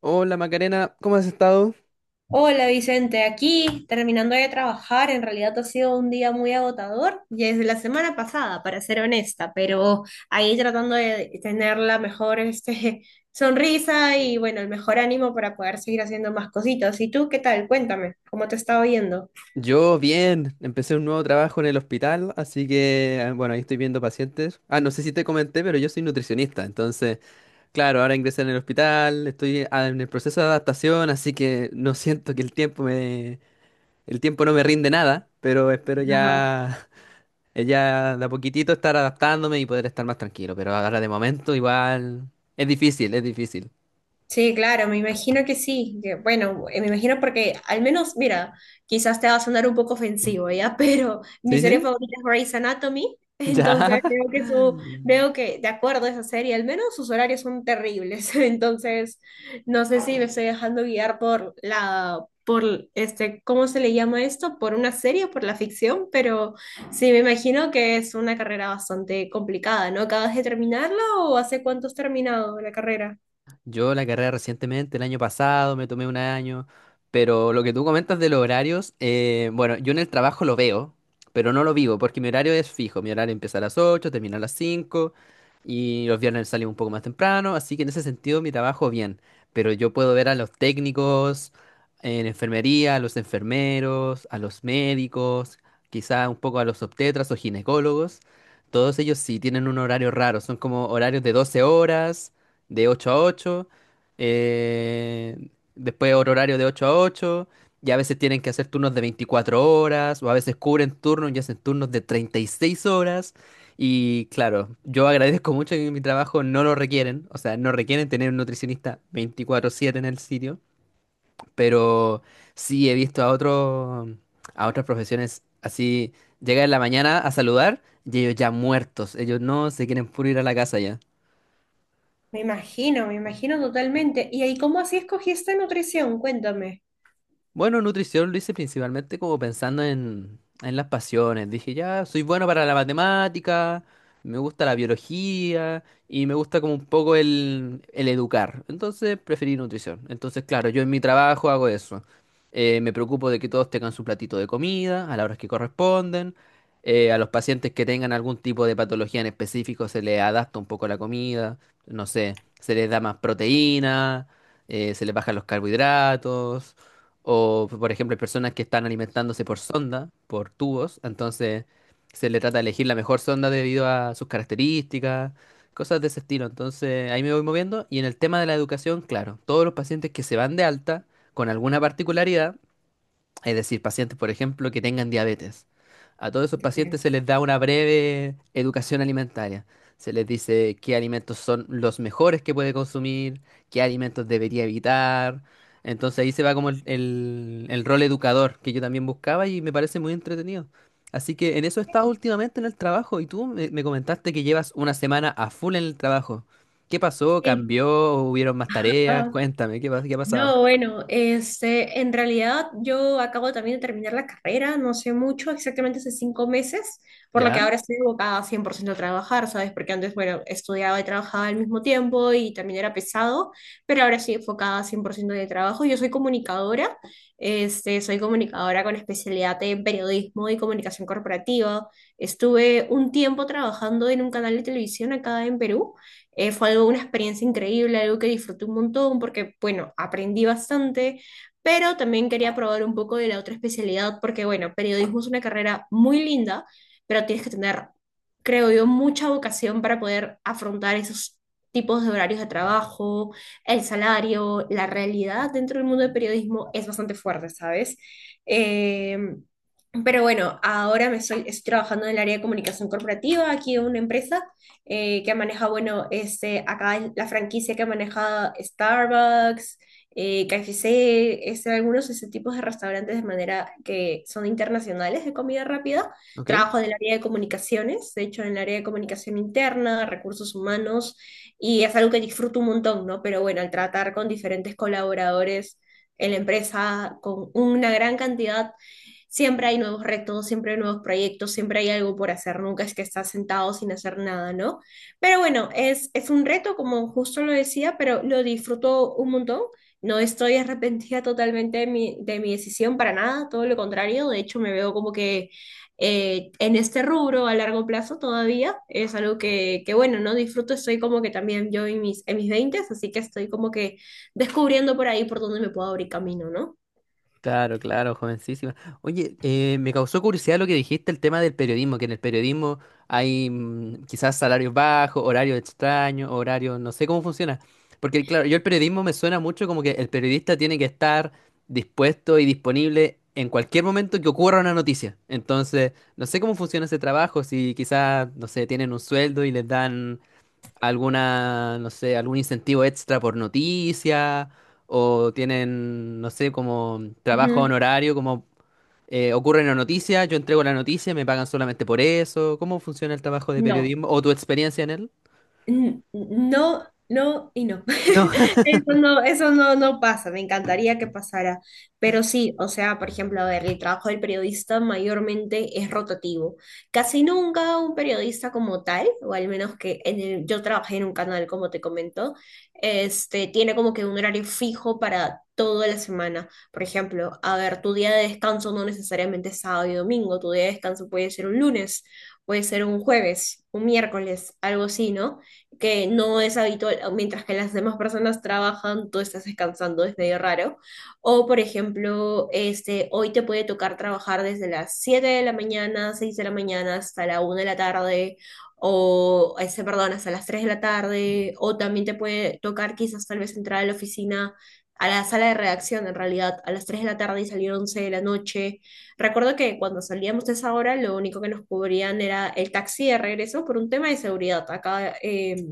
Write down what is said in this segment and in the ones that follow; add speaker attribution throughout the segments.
Speaker 1: Hola Macarena, ¿cómo has estado?
Speaker 2: Hola Vicente, aquí terminando de trabajar, en realidad ha sido un día muy agotador, y desde la semana pasada, para ser honesta, pero ahí tratando de tener la mejor sonrisa y bueno, el mejor ánimo para poder seguir haciendo más cositas. ¿Y tú qué tal? Cuéntame, ¿cómo te está oyendo?
Speaker 1: Yo bien, empecé un nuevo trabajo en el hospital, así que ahí estoy viendo pacientes. No sé si te comenté, pero yo soy nutricionista, entonces, claro, ahora ingresé en el hospital, estoy en el proceso de adaptación, así que no siento que el tiempo no me rinde nada, pero espero ya, ya de a poquitito estar adaptándome y poder estar más tranquilo, pero ahora de momento igual es difícil, es difícil.
Speaker 2: Sí, claro, me imagino que sí. Que, bueno, me imagino porque al menos, mira, quizás te va a sonar un poco ofensivo, ¿ya? Pero mi
Speaker 1: ¿Sí,
Speaker 2: serie
Speaker 1: sí?
Speaker 2: favorita es Grey's Anatomy, entonces
Speaker 1: Ya.
Speaker 2: veo que, de acuerdo a esa serie, al menos sus horarios son terribles. Entonces, no sé si me estoy dejando guiar por por este, ¿cómo se le llama esto? Por una serie, por la ficción, pero sí, me imagino que es una carrera bastante complicada, ¿no? ¿Acabas de terminarla o hace cuánto has terminado la carrera?
Speaker 1: Yo la carrera recientemente, el año pasado, me tomé un año, pero lo que tú comentas de los horarios, yo en el trabajo lo veo, pero no lo vivo, porque mi horario es fijo, mi horario empieza a las 8, termina a las 5 y los viernes salimos un poco más temprano, así que en ese sentido mi trabajo bien, pero yo puedo ver a los técnicos en enfermería, a los enfermeros, a los médicos, quizá un poco a los obstetras o ginecólogos. Todos ellos sí tienen un horario raro, son como horarios de 12 horas, de 8 a ocho, eh, después otro horario de 8 a ocho, y a veces tienen que hacer turnos de 24 horas, o a veces cubren turnos y hacen turnos de 36 horas. Y claro, yo agradezco mucho que mi trabajo no lo requieren, o sea, no requieren tener un nutricionista 24/7 en el sitio, pero sí he visto a a otras profesiones así, llega en la mañana a saludar y ellos ya muertos, ellos no se quieren puro ir a la casa ya.
Speaker 2: Me imagino totalmente. ¿Y ahí cómo así escogiste nutrición? Cuéntame.
Speaker 1: Bueno, nutrición lo hice principalmente como pensando en las pasiones. Dije, ya, soy bueno para la matemática, me gusta la biología y me gusta como un poco el educar. Entonces preferí nutrición. Entonces, claro, yo en mi trabajo hago eso. Me preocupo de que todos tengan su platito de comida a las horas que corresponden. A los pacientes que tengan algún tipo de patología en específico se les adapta un poco la comida. No sé, se les da más proteína, se les bajan los carbohidratos. O, por ejemplo, hay personas que están alimentándose por sonda, por tubos, entonces se le trata de elegir la mejor sonda debido a sus características, cosas de ese estilo. Entonces ahí me voy moviendo. Y en el tema de la educación, claro, todos los pacientes que se van de alta con alguna particularidad, es decir, pacientes, por ejemplo, que tengan diabetes. A todos esos pacientes
Speaker 2: Sí.
Speaker 1: se les da una breve educación alimentaria. Se les dice qué alimentos son los mejores que puede consumir, qué alimentos debería evitar. Entonces ahí se va como el rol educador que yo también buscaba y me parece muy entretenido. Así que en eso he estado últimamente en el trabajo. Y tú me comentaste que llevas una semana a full en el trabajo. ¿Qué pasó?
Speaker 2: Sí.
Speaker 1: ¿Cambió? ¿Hubieron más tareas? Cuéntame, ¿ qué ha pasado?
Speaker 2: No, bueno, este, en realidad yo acabo también de terminar la carrera, no sé mucho, exactamente hace 5 meses, por lo que
Speaker 1: ¿Ya?
Speaker 2: ahora estoy abocada 100% a trabajar, ¿sabes? Porque antes, bueno, estudiaba y trabajaba al mismo tiempo y también era pesado, pero ahora estoy enfocada 100% de trabajo. Yo soy comunicadora, este, Soy comunicadora con especialidad en periodismo y comunicación corporativa. Estuve un tiempo trabajando en un canal de televisión acá en Perú, fue algo, una experiencia increíble, algo que disfruté un montón porque, bueno, aprendí bastante, pero también quería probar un poco de la otra especialidad porque, bueno, periodismo es una carrera muy linda, pero tienes que tener, creo yo, mucha vocación para poder afrontar esos tipos de horarios de trabajo, el salario, la realidad dentro del mundo del periodismo es bastante fuerte, ¿sabes? Em, pero bueno, ahora estoy trabajando en el área de comunicación corporativa aquí en una empresa que maneja, bueno, este, acá la franquicia que maneja Starbucks, KFC, este, algunos de ese tipos de restaurantes de manera que son internacionales de comida rápida.
Speaker 1: ¿Ok?
Speaker 2: Trabajo en el área de comunicaciones, de hecho, en el área de comunicación interna, recursos humanos, y es algo que disfruto un montón, ¿no? Pero bueno, al tratar con diferentes colaboradores en la empresa, con una gran cantidad, siempre hay nuevos retos, siempre hay nuevos proyectos, siempre hay algo por hacer, nunca es que estás sentado sin hacer nada, ¿no? Pero bueno, es un reto, como justo lo decía, pero lo disfruto un montón. No estoy arrepentida totalmente de mi decisión para nada, todo lo contrario, de hecho me veo como que en este rubro a largo plazo todavía es algo que, bueno, no disfruto, estoy como que también yo en en mis 20, así que estoy como que descubriendo por ahí por dónde me puedo abrir camino, ¿no?
Speaker 1: Claro, claro, jovencísima. Oye, me causó curiosidad lo que dijiste, el tema del periodismo, que en el periodismo hay quizás salarios bajos, horarios extraños, horarios, no sé cómo funciona. Porque claro, yo el periodismo me suena mucho como que el periodista tiene que estar dispuesto y disponible en cualquier momento que ocurra una noticia. Entonces, no sé cómo funciona ese trabajo, si quizás, no sé, tienen un sueldo y les dan alguna, no sé, algún incentivo extra por noticia, o tienen, no sé, como trabajo
Speaker 2: Ujú.
Speaker 1: honorario, como ocurre en la noticia, yo entrego la noticia, me pagan solamente por eso. ¿Cómo funciona el trabajo de
Speaker 2: No,
Speaker 1: periodismo o tu experiencia en él?
Speaker 2: No y no.
Speaker 1: No.
Speaker 2: Eso no, no pasa, me encantaría que pasara. Pero sí, o sea, por ejemplo, a ver, el trabajo del periodista mayormente es rotativo. Casi nunca un periodista como tal, o al menos que yo trabajé en un canal, como te comento, este, tiene como que un horario fijo para toda la semana. Por ejemplo, a ver, tu día de descanso no necesariamente es sábado y domingo, tu día de descanso puede ser un lunes, puede ser un jueves, un miércoles, algo así, ¿no? Que no es habitual, mientras que las demás personas trabajan, tú estás descansando, es medio raro. O, por ejemplo, este, hoy te puede tocar trabajar desde las 7 de la mañana, 6 de la mañana hasta la una de la tarde, o, este, perdón, hasta las 3 de la tarde, o también te puede tocar quizás tal vez entrar a la oficina, a la sala de redacción en realidad, a las 3 de la tarde y salir 11 de la noche. Recuerdo que cuando salíamos de esa hora, lo único que nos cubrían era el taxi de regreso por un tema de seguridad. Acá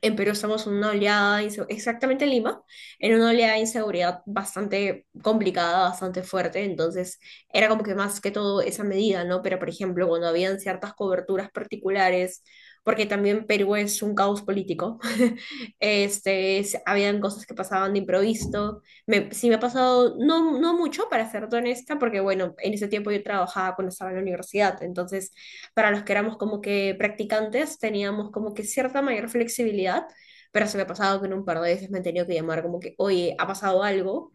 Speaker 2: en Perú estamos en una exactamente en Lima, en una oleada de inseguridad bastante complicada, bastante fuerte, entonces era como que más que todo esa medida, ¿no? Pero por ejemplo, cuando habían ciertas coberturas particulares, porque también Perú es un caos político, habían cosas que pasaban de improviso, sí me ha pasado, no, no mucho, para ser honesta, porque bueno, en ese tiempo yo trabajaba cuando estaba en la universidad, entonces para los que éramos como que practicantes teníamos como que cierta mayor flexibilidad, pero se me ha pasado que en un par de veces me han tenido que llamar como que, oye, ha pasado algo,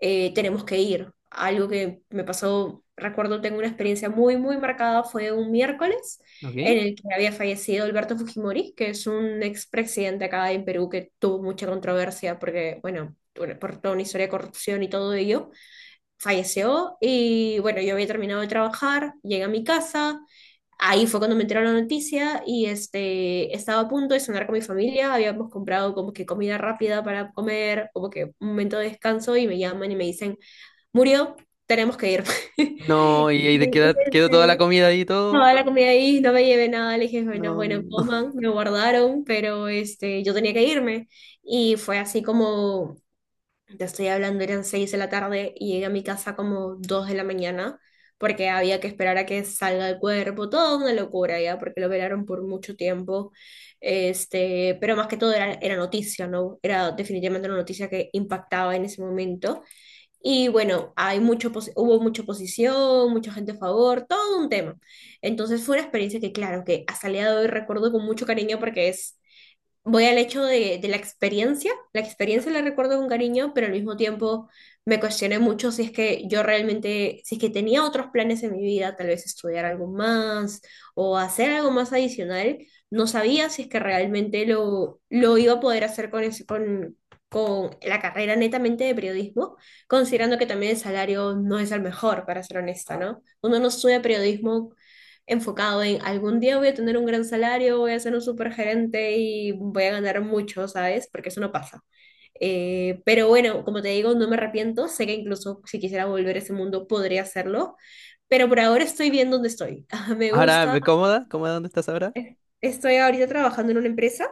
Speaker 2: tenemos que ir. Algo que me pasó, recuerdo, tengo una experiencia muy marcada, fue un miércoles en
Speaker 1: ¿Ok?
Speaker 2: el que había fallecido Alberto Fujimori, que es un expresidente acá en Perú que tuvo mucha controversia porque, bueno, por toda una historia de corrupción y todo ello falleció y bueno, yo había terminado de trabajar, llegué a mi casa, ahí fue cuando me enteró la noticia y este, estaba a punto de cenar con mi familia, habíamos comprado como que comida rápida para comer, como que un momento de descanso y me llaman y me dicen, murió, tenemos que ir.
Speaker 1: No, y, ahí te
Speaker 2: Y,
Speaker 1: queda, quedó toda la
Speaker 2: este,
Speaker 1: comida ahí y todo.
Speaker 2: Toda la comida ahí, no me llevé nada, le dije, bueno, bueno,
Speaker 1: No.
Speaker 2: coman, me guardaron, pero este, yo tenía que irme. Y fue así como te estoy hablando, eran 6 de la tarde y llegué a mi casa como 2 de la mañana porque había que esperar a que salga el cuerpo, toda una locura ya, porque lo velaron por mucho tiempo, este, pero más que todo era noticia, ¿no? Era definitivamente una noticia que impactaba en ese momento y bueno, hubo mucha oposición, mucha gente a favor, todo un tema. Entonces fue una experiencia que claro, que hasta el día de hoy recuerdo con mucho cariño porque es voy al hecho de la experiencia. La experiencia la recuerdo con cariño, pero al mismo tiempo me cuestioné mucho si es que yo realmente, si es que tenía otros planes en mi vida, tal vez estudiar algo más o hacer algo más adicional. No sabía si es que realmente lo iba a poder hacer con con la carrera netamente de periodismo, considerando que también el salario no es el mejor, para ser honesta, ¿no? Uno no estudia periodismo enfocado en algún día voy a tener un gran salario, voy a ser un super gerente y voy a ganar mucho, ¿sabes? Porque eso no pasa. Pero bueno, como te digo, no me arrepiento. Sé que incluso si quisiera volver a ese mundo podría hacerlo, pero por ahora estoy bien donde estoy. Me
Speaker 1: Ahora,
Speaker 2: gusta.
Speaker 1: ¿cómoda? ¿Cómoda dónde estás ahora?
Speaker 2: Estoy ahorita trabajando en una empresa,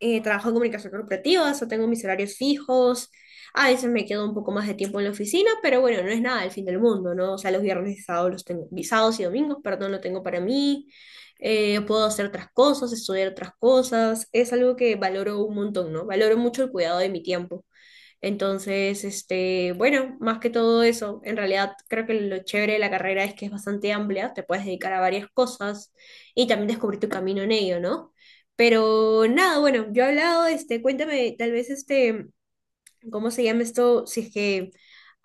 Speaker 2: trabajo en comunicación corporativa, o sea, tengo mis horarios fijos. A veces me quedo un poco más de tiempo en la oficina, pero bueno, no es nada el fin del mundo, ¿no? O sea, los viernes y sábados los tengo, y sábados y domingos, perdón, lo tengo para mí. Puedo hacer otras cosas, estudiar otras cosas. Es algo que valoro un montón, ¿no? Valoro mucho el cuidado de mi tiempo. Entonces, este, bueno, más que todo eso, en realidad creo que lo chévere de la carrera es que es bastante amplia, te puedes dedicar a varias cosas y también descubrir tu camino en ello, ¿no? Pero nada, bueno, yo he hablado, este, cuéntame tal vez este, ¿cómo se llama esto? Si es que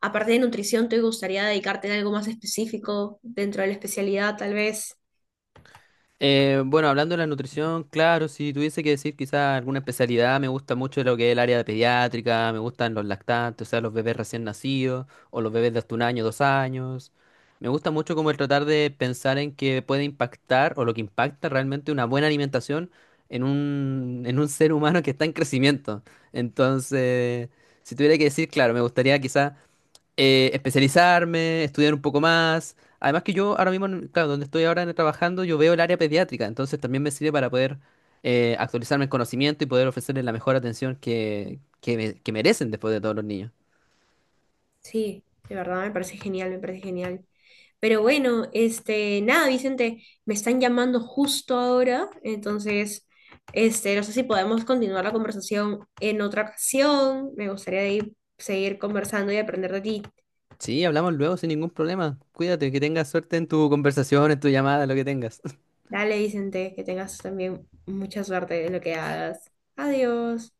Speaker 2: aparte de nutrición te gustaría dedicarte en algo más específico dentro de la especialidad, tal vez.
Speaker 1: Bueno, hablando de la nutrición, claro, si tuviese que decir quizá alguna especialidad, me gusta mucho lo que es el área de pediátrica, me gustan los lactantes, o sea, los bebés recién nacidos, o los bebés de hasta un año, dos años. Me gusta mucho como el tratar de pensar en que puede impactar, o lo que impacta realmente una buena alimentación en un ser humano que está en crecimiento. Entonces, si tuviera que decir, claro, me gustaría quizá especializarme, estudiar un poco más. Además que yo ahora mismo, claro, donde estoy ahora trabajando, yo veo el área pediátrica, entonces también me sirve para poder actualizarme el conocimiento y poder ofrecerles la mejor atención que merecen después de todos los niños.
Speaker 2: Sí, de verdad me parece genial, me parece genial. Pero bueno, este, nada, Vicente, me están llamando justo ahora, entonces, este, no sé si podemos continuar la conversación en otra ocasión. Me gustaría de seguir conversando y aprender de ti.
Speaker 1: Sí, hablamos luego sin ningún problema. Cuídate, que tengas suerte en tu conversación, en tu llamada, lo que tengas.
Speaker 2: Dale, Vicente, que tengas también mucha suerte en lo que hagas. Adiós.